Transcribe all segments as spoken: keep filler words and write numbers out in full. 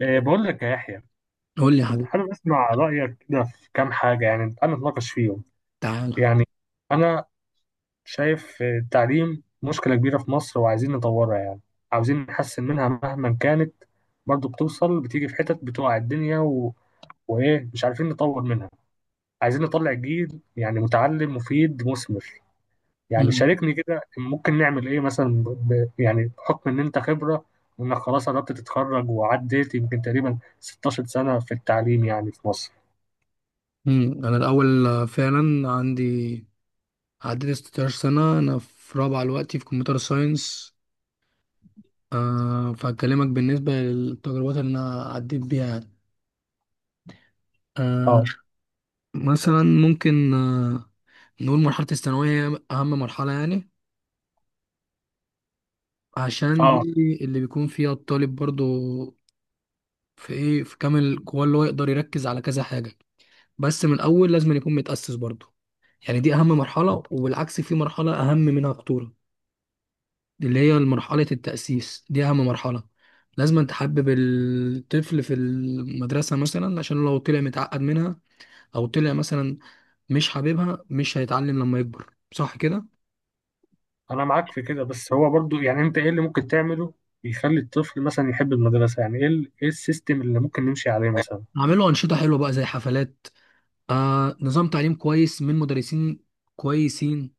إيه، بقول لك يا يحيى، قول لي يا كنت حبيبي. حابب اسمع رايك كده في كام حاجه. يعني انا اتناقش فيهم. تعالى. يعني انا شايف، إيه، التعليم مشكله كبيره في مصر وعايزين نطورها. يعني عاوزين نحسن منها مهما كانت. برضو بتوصل بتيجي في حتت بتوقع الدنيا و... وايه مش عارفين نطور منها. عايزين نطلع جيل يعني متعلم مفيد مثمر. يعني مم. شاركني كده ممكن نعمل ايه مثلا، ب... يعني بحكم ان انت خبره، وانك خلاص قربت تتخرج وعديت يمكن تقريبا ستاشر سنه في التعليم يعني في مصر. مم. انا الاول، آه، فعلا عندي، عديت ستاشر سنه، انا في رابعه دلوقتي في كمبيوتر ساينس. أه فهكلمك بالنسبه للتجربات اللي انا عديت بيها يعني. أه اه، مثلا ممكن أه نقول مرحله الثانويه هي اهم مرحله يعني، عشان دي اه، اللي بيكون فيها الطالب برضو في ايه في كامل قواه، اللي هو يقدر يركز على كذا حاجه. بس من الاول لازم يكون متاسس برضو، يعني دي اهم مرحله. وبالعكس في مرحله اهم منها خطوره، دي اللي هي مرحلة التأسيس. دي أهم مرحلة. لازم تحبب الطفل في المدرسة مثلا، عشان لو طلع متعقد منها أو طلع مثلا مش حاببها، مش هيتعلم لما يكبر، صح كده؟ انا معاك في كده، بس هو برضو يعني انت ايه اللي ممكن تعمله يخلي الطفل مثلا يحب المدرسه؟ يعني ايه ال- ايه السيستم اللي ممكن نمشي عليه مثلا؟ أعمله أنشطة حلوة بقى زي حفلات، آه نظام تعليم كويس من مدرسين كويسين.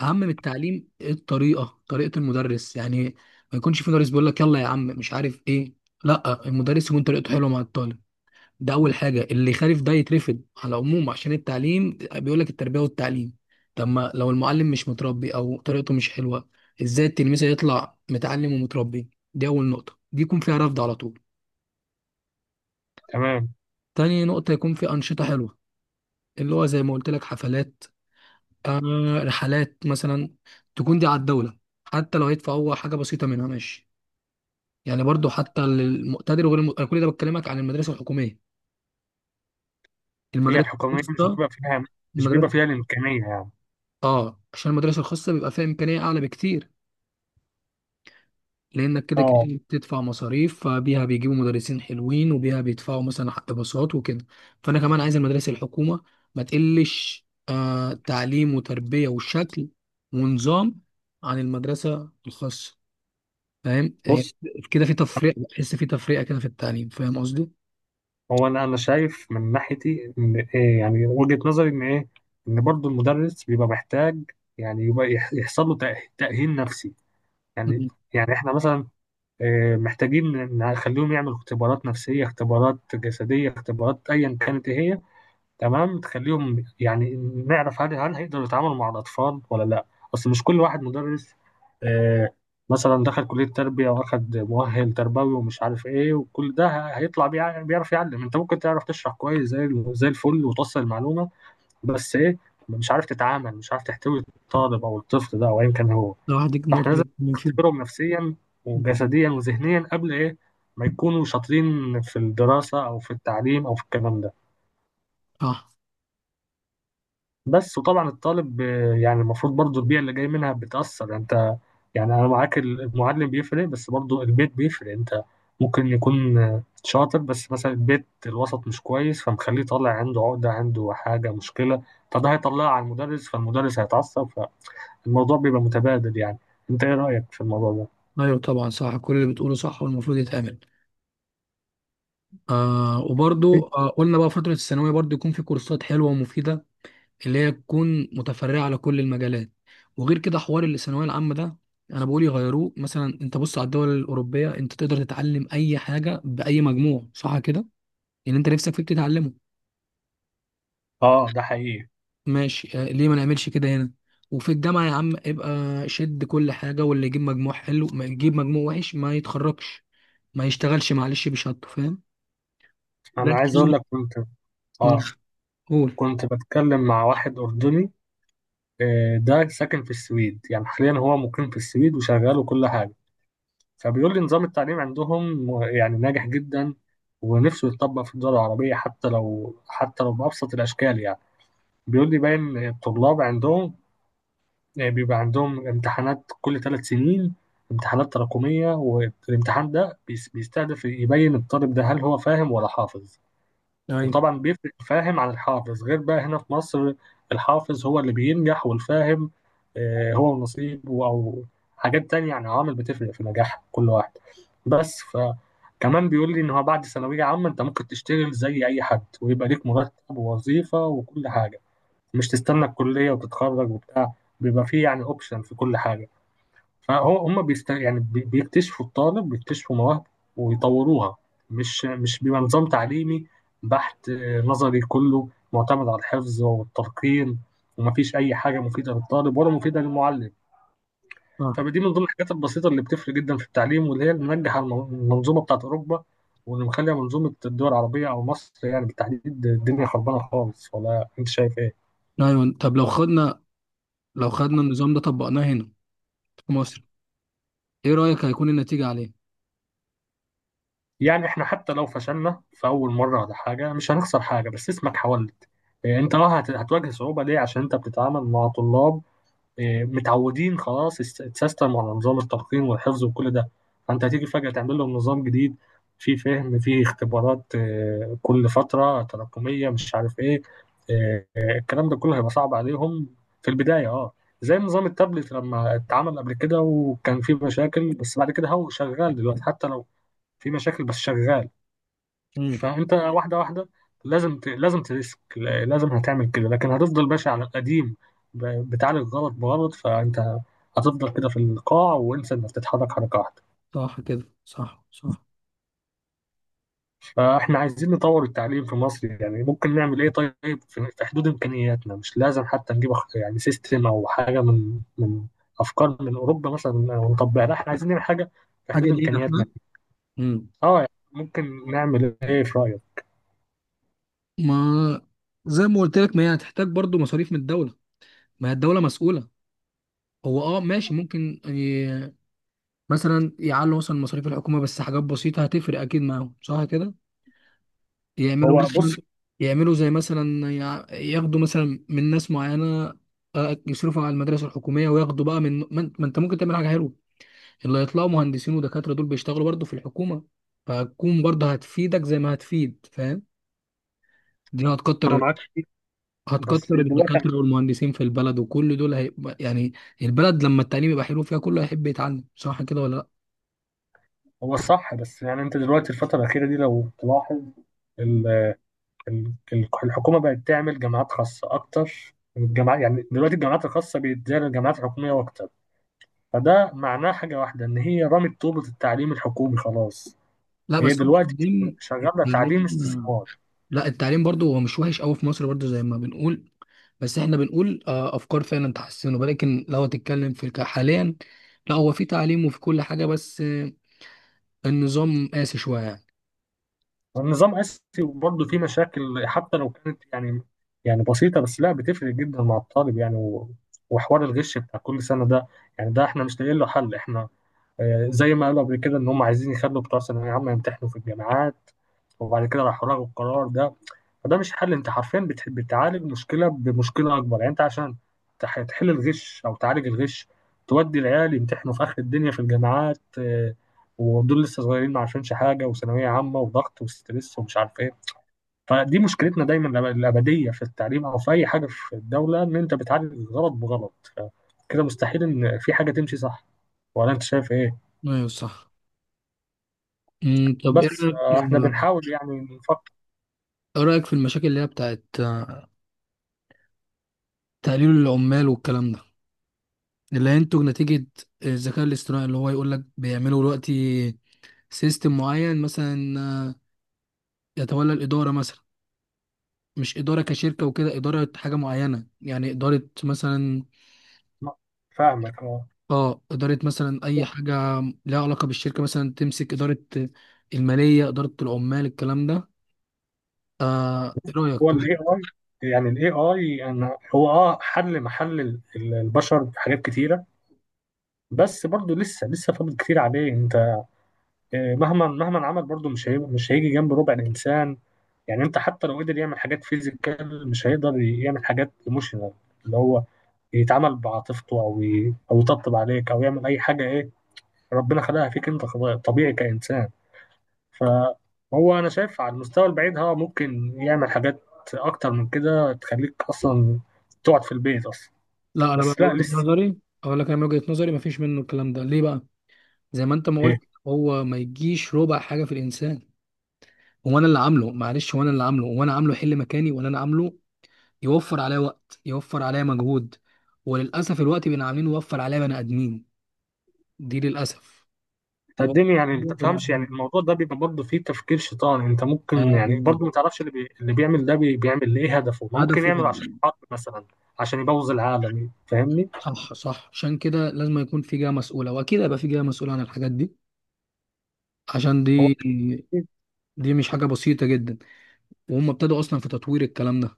أهم من التعليم الطريقة، طريقة المدرس يعني. ما يكونش في مدرس بيقول لك يلا يا عم مش عارف إيه. لا، المدرس يكون طريقته حلوة مع الطالب. ده اول حاجه. اللي يخالف ده يترفض على العموم، عشان التعليم بيقول لك التربيه والتعليم. طب ما لو المعلم مش متربي او طريقته مش حلوه، ازاي التلميذ هيطلع متعلم ومتربي؟ دي اول نقطه، دي يكون فيها رفض على طول. تمام. تاني نقطه يكون في انشطه حلوه، اللي هو زي ما قلت لك حفلات، آه رحلات مثلا. تكون دي على الدوله، حتى لو هيدفع هو حاجه بسيطه منها ماشي. يعني برضو حتى للمقتدر وغير الم... أنا كل ده بتكلمك عن المدرسه الحكوميه. هي المدرسه الحكوميه مش الخاصه بيبقى فيها، مش بيبقى المدرسه فيها الامكانيه يعني. اه عشان المدرسة الخاصة بيبقى فيها إمكانية أعلى بكتير، لأنك كده اه، كده بتدفع مصاريف، فبيها بيجيبوا مدرسين حلوين وبيها بيدفعوا مثلا حق باصات وكده. فأنا كمان عايز المدارس الحكومة ما تقلش آه تعليم وتربية وشكل ونظام عن المدرسة الخاصة. فاهم آه، بص، كده في تفرقة، بحس في تفرقة كده في التعليم، فاهم قصدي؟ هو انا انا شايف من ناحيتي ان إيه، يعني وجهه نظري ان ايه، ان برضو المدرس بيبقى محتاج. يعني يبقى يح- يحصل له تأه- تاهيل نفسي. يعني مم. يعني احنا مثلا آه، محتاجين نخليهم يعملوا اختبارات نفسيه، اختبارات جسديه، اختبارات ايا كانت إيه هي. تمام، تخليهم يعني نعرف هل هل هيقدروا يتعاملوا مع الأطفال ولا لأ. أصل مش كل واحد مدرس آه، مثلا دخل كلية تربية وأخد مؤهل تربوي ومش عارف إيه، وكل ده ه- هيطلع بيع- بيعرف يعلم. أنت ممكن تعرف تشرح كويس زي ال- زي الفل وتوصل المعلومة، بس إيه، مش عارف تتعامل، مش عارف تحتوي الطالب أو الطفل ده أو أيا كان هو. لو واحد يجيب فإحنا لازم نقطة من فين. نختبرهم نفسيا مم. وجسديا وذهنيا قبل إيه ما يكونوا شاطرين في الدراسة أو في التعليم أو في الكلام ده. صح. بس طبعا الطالب آه، يعني المفروض برضو البيئة اللي جاي منها بتأثر. يعني انت، يعني انا معاك، ال- المعلم بيفرق بس برضو البيت بيفرق. انت ممكن يكون آه، شاطر بس مثلا البيت الوسط مش كويس، فمخليه طالع عنده عقدة، عنده حاجة، مشكلة. فده هيطلعه على المدرس، فالمدرس هيتعصب، فالموضوع بيبقى متبادل يعني. انت ايه رأيك في الموضوع ده؟ أيوه طبعا صح، كل اللي بتقوله صح والمفروض يتعمل. آه وبرضو آه قلنا بقى فترة الثانوية برضو يكون في كورسات حلوة ومفيدة، اللي هي تكون متفرعة على كل المجالات. وغير كده حوار الثانوية العامة ده، أنا بقول يغيروه. مثلا أنت بص على الدول الأوروبية، أنت تقدر تتعلم أي حاجة بأي مجموع، صح كده؟ اللي أنت نفسك فيه بتتعلمه. اه، ده حقيقي. ماشي، آه ليه ما نعملش كده هنا؟ وفي الجامعة يا عم ابقى شد كل حاجة. واللي يجيب مجموع حلو ما يجيب مجموع وحش ما يتخرجش، ما يشتغلش معلش بشهادته، فاهم؟ انا عايز لكن اقول لك، كنت مم، اه قول. كنت بتكلم مع واحد أردني آه، ده ساكن في السويد. يعني حاليا هو مقيم في السويد وشغال وكل حاجة. فبيقول لي نظام التعليم عندهم يعني ناجح جدا، ونفسه يتطبق في الدول العربية حتى لو حتى لو بأبسط الأشكال يعني. بيقول لي باين الطلاب عندهم بيبقى عندهم امتحانات كل ثلاث سنين، امتحانات تراكمية، والامتحان ده بيس- بيستهدف يبين الطالب ده هل هو فاهم ولا حافظ. ايوه، وطبعا بيفرق الفاهم عن الحافظ، غير بقى هنا في مصر الحافظ هو اللي بينجح، والفاهم آه، هو نصيبه أو حاجات تانية. يعني عوامل بتفرق في نجاح كل واحد. بس فكمان بيقول لي إن هو بعد ثانوية عامة أنت ممكن تشتغل زي أي حد، ويبقى ليك مرتب ووظيفة وكل حاجة. مش تستنى الكلية وتتخرج وبتاع، بيبقى فيه يعني أوبشن في كل حاجة. فهم بيست... يعني بي- بيكتشفوا الطالب، بيكتشفوا مواهبه ويطوروها. مش مش بيبقى نظام تعليمي بحت آه، نظري كله، معتمد على الحفظ والتلقين، ومفيش أي حاجة مفيدة للطالب ولا مفيدة للمعلم. فدي من ضمن الحاجات البسيطة اللي بتفرق جدا في التعليم، واللي هي اللي منجحة الم- المنظومة بتاعت أوروبا، واللي مخلية منظومة الدول العربية أو مصر يعني بالتحديد الدنيا خربانة خالص. ولا أنت شايف إيه؟ ايوه، طب لو خدنا لو خدنا النظام ده طبقناه هنا في مصر، ايه رأيك هيكون النتيجة عليه؟ يعني احنا حتى لو فشلنا في اول مره ولا حاجه، مش هنخسر حاجه، بس اسمك حاولت. إيه، انت اه هت- هتواجه صعوبه ليه؟ عشان انت بتتعامل مع طلاب إيه، متعودين خلاص، الس- السيستم على نظام التلقين والحفظ وكل ده. فانت هتيجي فجاه تعمل لهم نظام جديد فيه فهم، فيه اختبارات إيه، كل فتره تراكميه مش عارف ايه، إيه، الكلام ده كله هيبقى صعب عليهم في البدايه. اه، زي نظام التابلت لما اتعمل قبل كده، وكان فيه مشاكل، بس بعد كده هو شغال دلوقتي. حتى لو في مشاكل بس شغال. امم. فانت واحده واحده لازم ت... لازم تريسك، ل- لازم هتعمل كده، لكن هتفضل ماشي على القديم، ب... بتعالج غلط بغلط. فانت هتفضل كده في القاع، وانسى انك تتحرك حركه واحده. صح كده، صح، صح. فاحنا عايزين نطور التعليم في مصر، يعني ممكن نعمل ايه طيب في في حدود امكانياتنا؟ مش لازم حتى نجيب أخ- يعني سيستم او حاجه من من افكار من اوروبا مثلا ونطبقها. لا، احنا عايزين نعمل حاجه في حاجة حدود لينا امكانياتنا. احنا. امم. اه، يعني ممكن نعمل ايه في رايك؟ ما زي ما قلت لك، ما هي هتحتاج برضو مصاريف من الدولة، ما هي الدولة مسؤولة. هو اه ماشي ممكن ي... مثلا يعلوا مثلا مصاريف الحكومة، بس حاجات بسيطة هتفرق اكيد معاهم، صح كده. يعملوا هو مثلا، بص، يعملوا زي مثلا يع- ياخدوا مثلا من ناس معينة، آه، يصرفوا على المدارس الحكومية، وياخدوا بقى من ما انت ما انت ممكن تعمل حاجة حلوة. اللي هيطلعوا مهندسين ودكاترة، دول بيشتغلوا برضه في الحكومة، فهتكون برضه هتفيدك زي ما هتفيد، فاهم. دي انا هتكتر معاك فيه بس هتكتر دلوقتي، الدكاترة والمهندسين في البلد، وكل دول هيبقى يعني البلد، لما التعليم يبقى حلو فيها كله هيحب يتعلم، صح كده ولا لا؟ هو صح، بس يعني انت دلوقتي الفترة الأخيرة دي لو تلاحظ، ال- ال- الحكومة بقت تعمل جامعات خاصة أكتر من الجامعات. يعني دلوقتي الجامعات الخاصة بيتزايد الجامعات الحكومية أكتر. فده معناه حاجة واحدة، إن هي رمت طوبة التعليم الحكومي خلاص. لا هي بس هو دلوقتي التعليم شغالة تعليم التعليم استثمار. لا، التعليم برضه هو مش وحش قوي في مصر، برضه زي ما بنقول. بس احنا بنقول آه، افكار فعلا تحسنه، ولكن لو هتتكلم في الك- حاليا، لا، هو في تعليم وفي كل حاجة، بس آه، النظام قاسي شوية يعني. والنظام قاسي، وبرضه فيه مشاكل حتى لو كانت يعني، يعني بسيطة، بس لا بتفرق جدا مع الطالب يعني. و- وحوار الغش بتاع كل سنة ده، يعني ده احنا مش لاقيين له حل احنا. آه، زي ما قالوا قبل كده ان هم عايزين يخلوا بتوع ثانويه عامه يمتحنوا في الجامعات، وبعد كده راحوا لغوا القرار ده. فده مش حل. انت حرفيا بت- بتعالج مشكله بمشكله اكبر. يعني انت عشان تح- تحل الغش او تعالج الغش، تودي العيال يمتحنوا في اخر الدنيا في الجامعات آه، ودول لسه صغيرين، ما عارفينش حاجه، وثانويه عامه وضغط وستريس ومش عارف ايه. فدي مشكلتنا دايما الأب- الابديه في التعليم او في اي حاجه في الدوله، ان انت بتعالج غلط بغلط. ف- كده مستحيل ان في حاجه تمشي صح. ولا انت شايف ايه؟ ايوه صح. مم، طب ايه بس رأيك آه، ايه احنا بنحاول يعني نفكر. رأيك في المشاكل اللي هي بتاعت آه، تقليل العمال والكلام ده، اللي هينتج نتيجة الذكاء الاصطناعي. اللي هو يقول لك بيعملوا دلوقتي سيستم معين مثلا، آه، يتولى الإدارة مثلا. مش إدارة كشركة وكده، إدارة حاجة معينة يعني، إدارة مثلا فاهمك اه. اه إدارة مثلا أي حاجة لها علاقة بالشركة، مثلا تمسك إدارة المالية، إدارة العمال، الكلام ده. آه إيه رأيك؟ هو الاي اي، يعني الاي اي انا هو اه حل محل ال- ال- البشر في حاجات كتيره، بس برضه لسه لسه فاضل كتير عليه. انت آه، مهما مهما عمل برضه مش هي مش هيجي جنب ربع الانسان. يعني انت حتى لو قدر يعمل حاجات فيزيكال، مش هيقدر يعمل حاجات ايموشنال، اللي هو يتعامل بعاطفته او ي- او يطبطب عليك او يعمل اي حاجه ايه ربنا خلقها فيك انت خلاص طبيعي كانسان. فهو انا شايف على المستوى البعيد ها ممكن يعمل حاجات اكتر من كده تخليك اصلا تقعد في البيت اصلا. لا، أنا بقى بس من لا وجهة لسه. نظري أقول لك، أنا من وجهة نظري مفيش منه الكلام ده، ليه بقى؟ زي ما انت ما إيه، قلت هو ما يجيش ربع حاجه في الانسان. هو انا اللي عامله، معلش، هو انا اللي عامله، هو انا عامله يحل مكاني ولا انا عامله يوفر عليا وقت، يوفر عليا مجهود. وللاسف الوقت بين عاملين يوفر عليا بني ادمين. دي للاسف. يوفر تقدمي يعني ما عليا بني تفهمش يعني. ادمين. الموضوع ده بيبقى برضه فيه تفكير شيطاني. انت ممكن يعني ايوه، برضه ما تعرفش اللي, بي... اللي بيعمل ده بي... بيعمل ليه، هدفه ما ممكن هدفه يعمل عشان إيه؟ الحرب مثلا، عشان يبوظ العالم، فاهمني؟ صح، صح، عشان كده لازم يكون في جهه مسؤوله، واكيد هيبقى في جهه مسؤوله عن الحاجات دي. عشان دي هو دي مش حاجه بسيطه جدا. وهم ابتدوا اصلا في تطوير الكلام ده.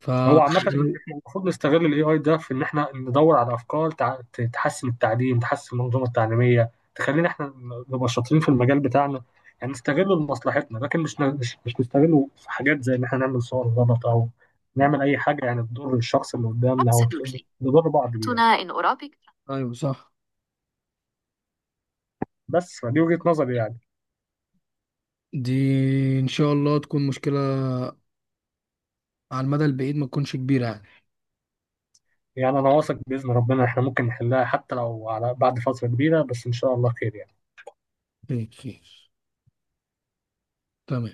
ف هو عامة احنا المفروض نستغل الاي اي ده في ان احنا ندور على افكار تع- ت- تحسن التعليم، تحسن المنظومة التعليمية، تخلينا احنا نبقى شاطرين في المجال بتاعنا، يعني نستغله لمصلحتنا. لكن مش ن- مش مش نستغله في حاجات زي ان احنا نعمل صور غلط، او نعمل اي حاجة يعني تضر الشخص اللي قدامنا او ت- Absolutely. نضر بعض بيها. تنا إن أرابيك. ايوه صح. بس فدي وجهة نظري يعني. دي ان شاء الله تكون مشكله على المدى البعيد ما تكونش كبيره يعني. يعني انا واثق باذن ربنا احنا ممكن نحلها حتى لو على بعد فترة كبيرة، بس ان شاء الله خير يعني. خير، خير. تمام.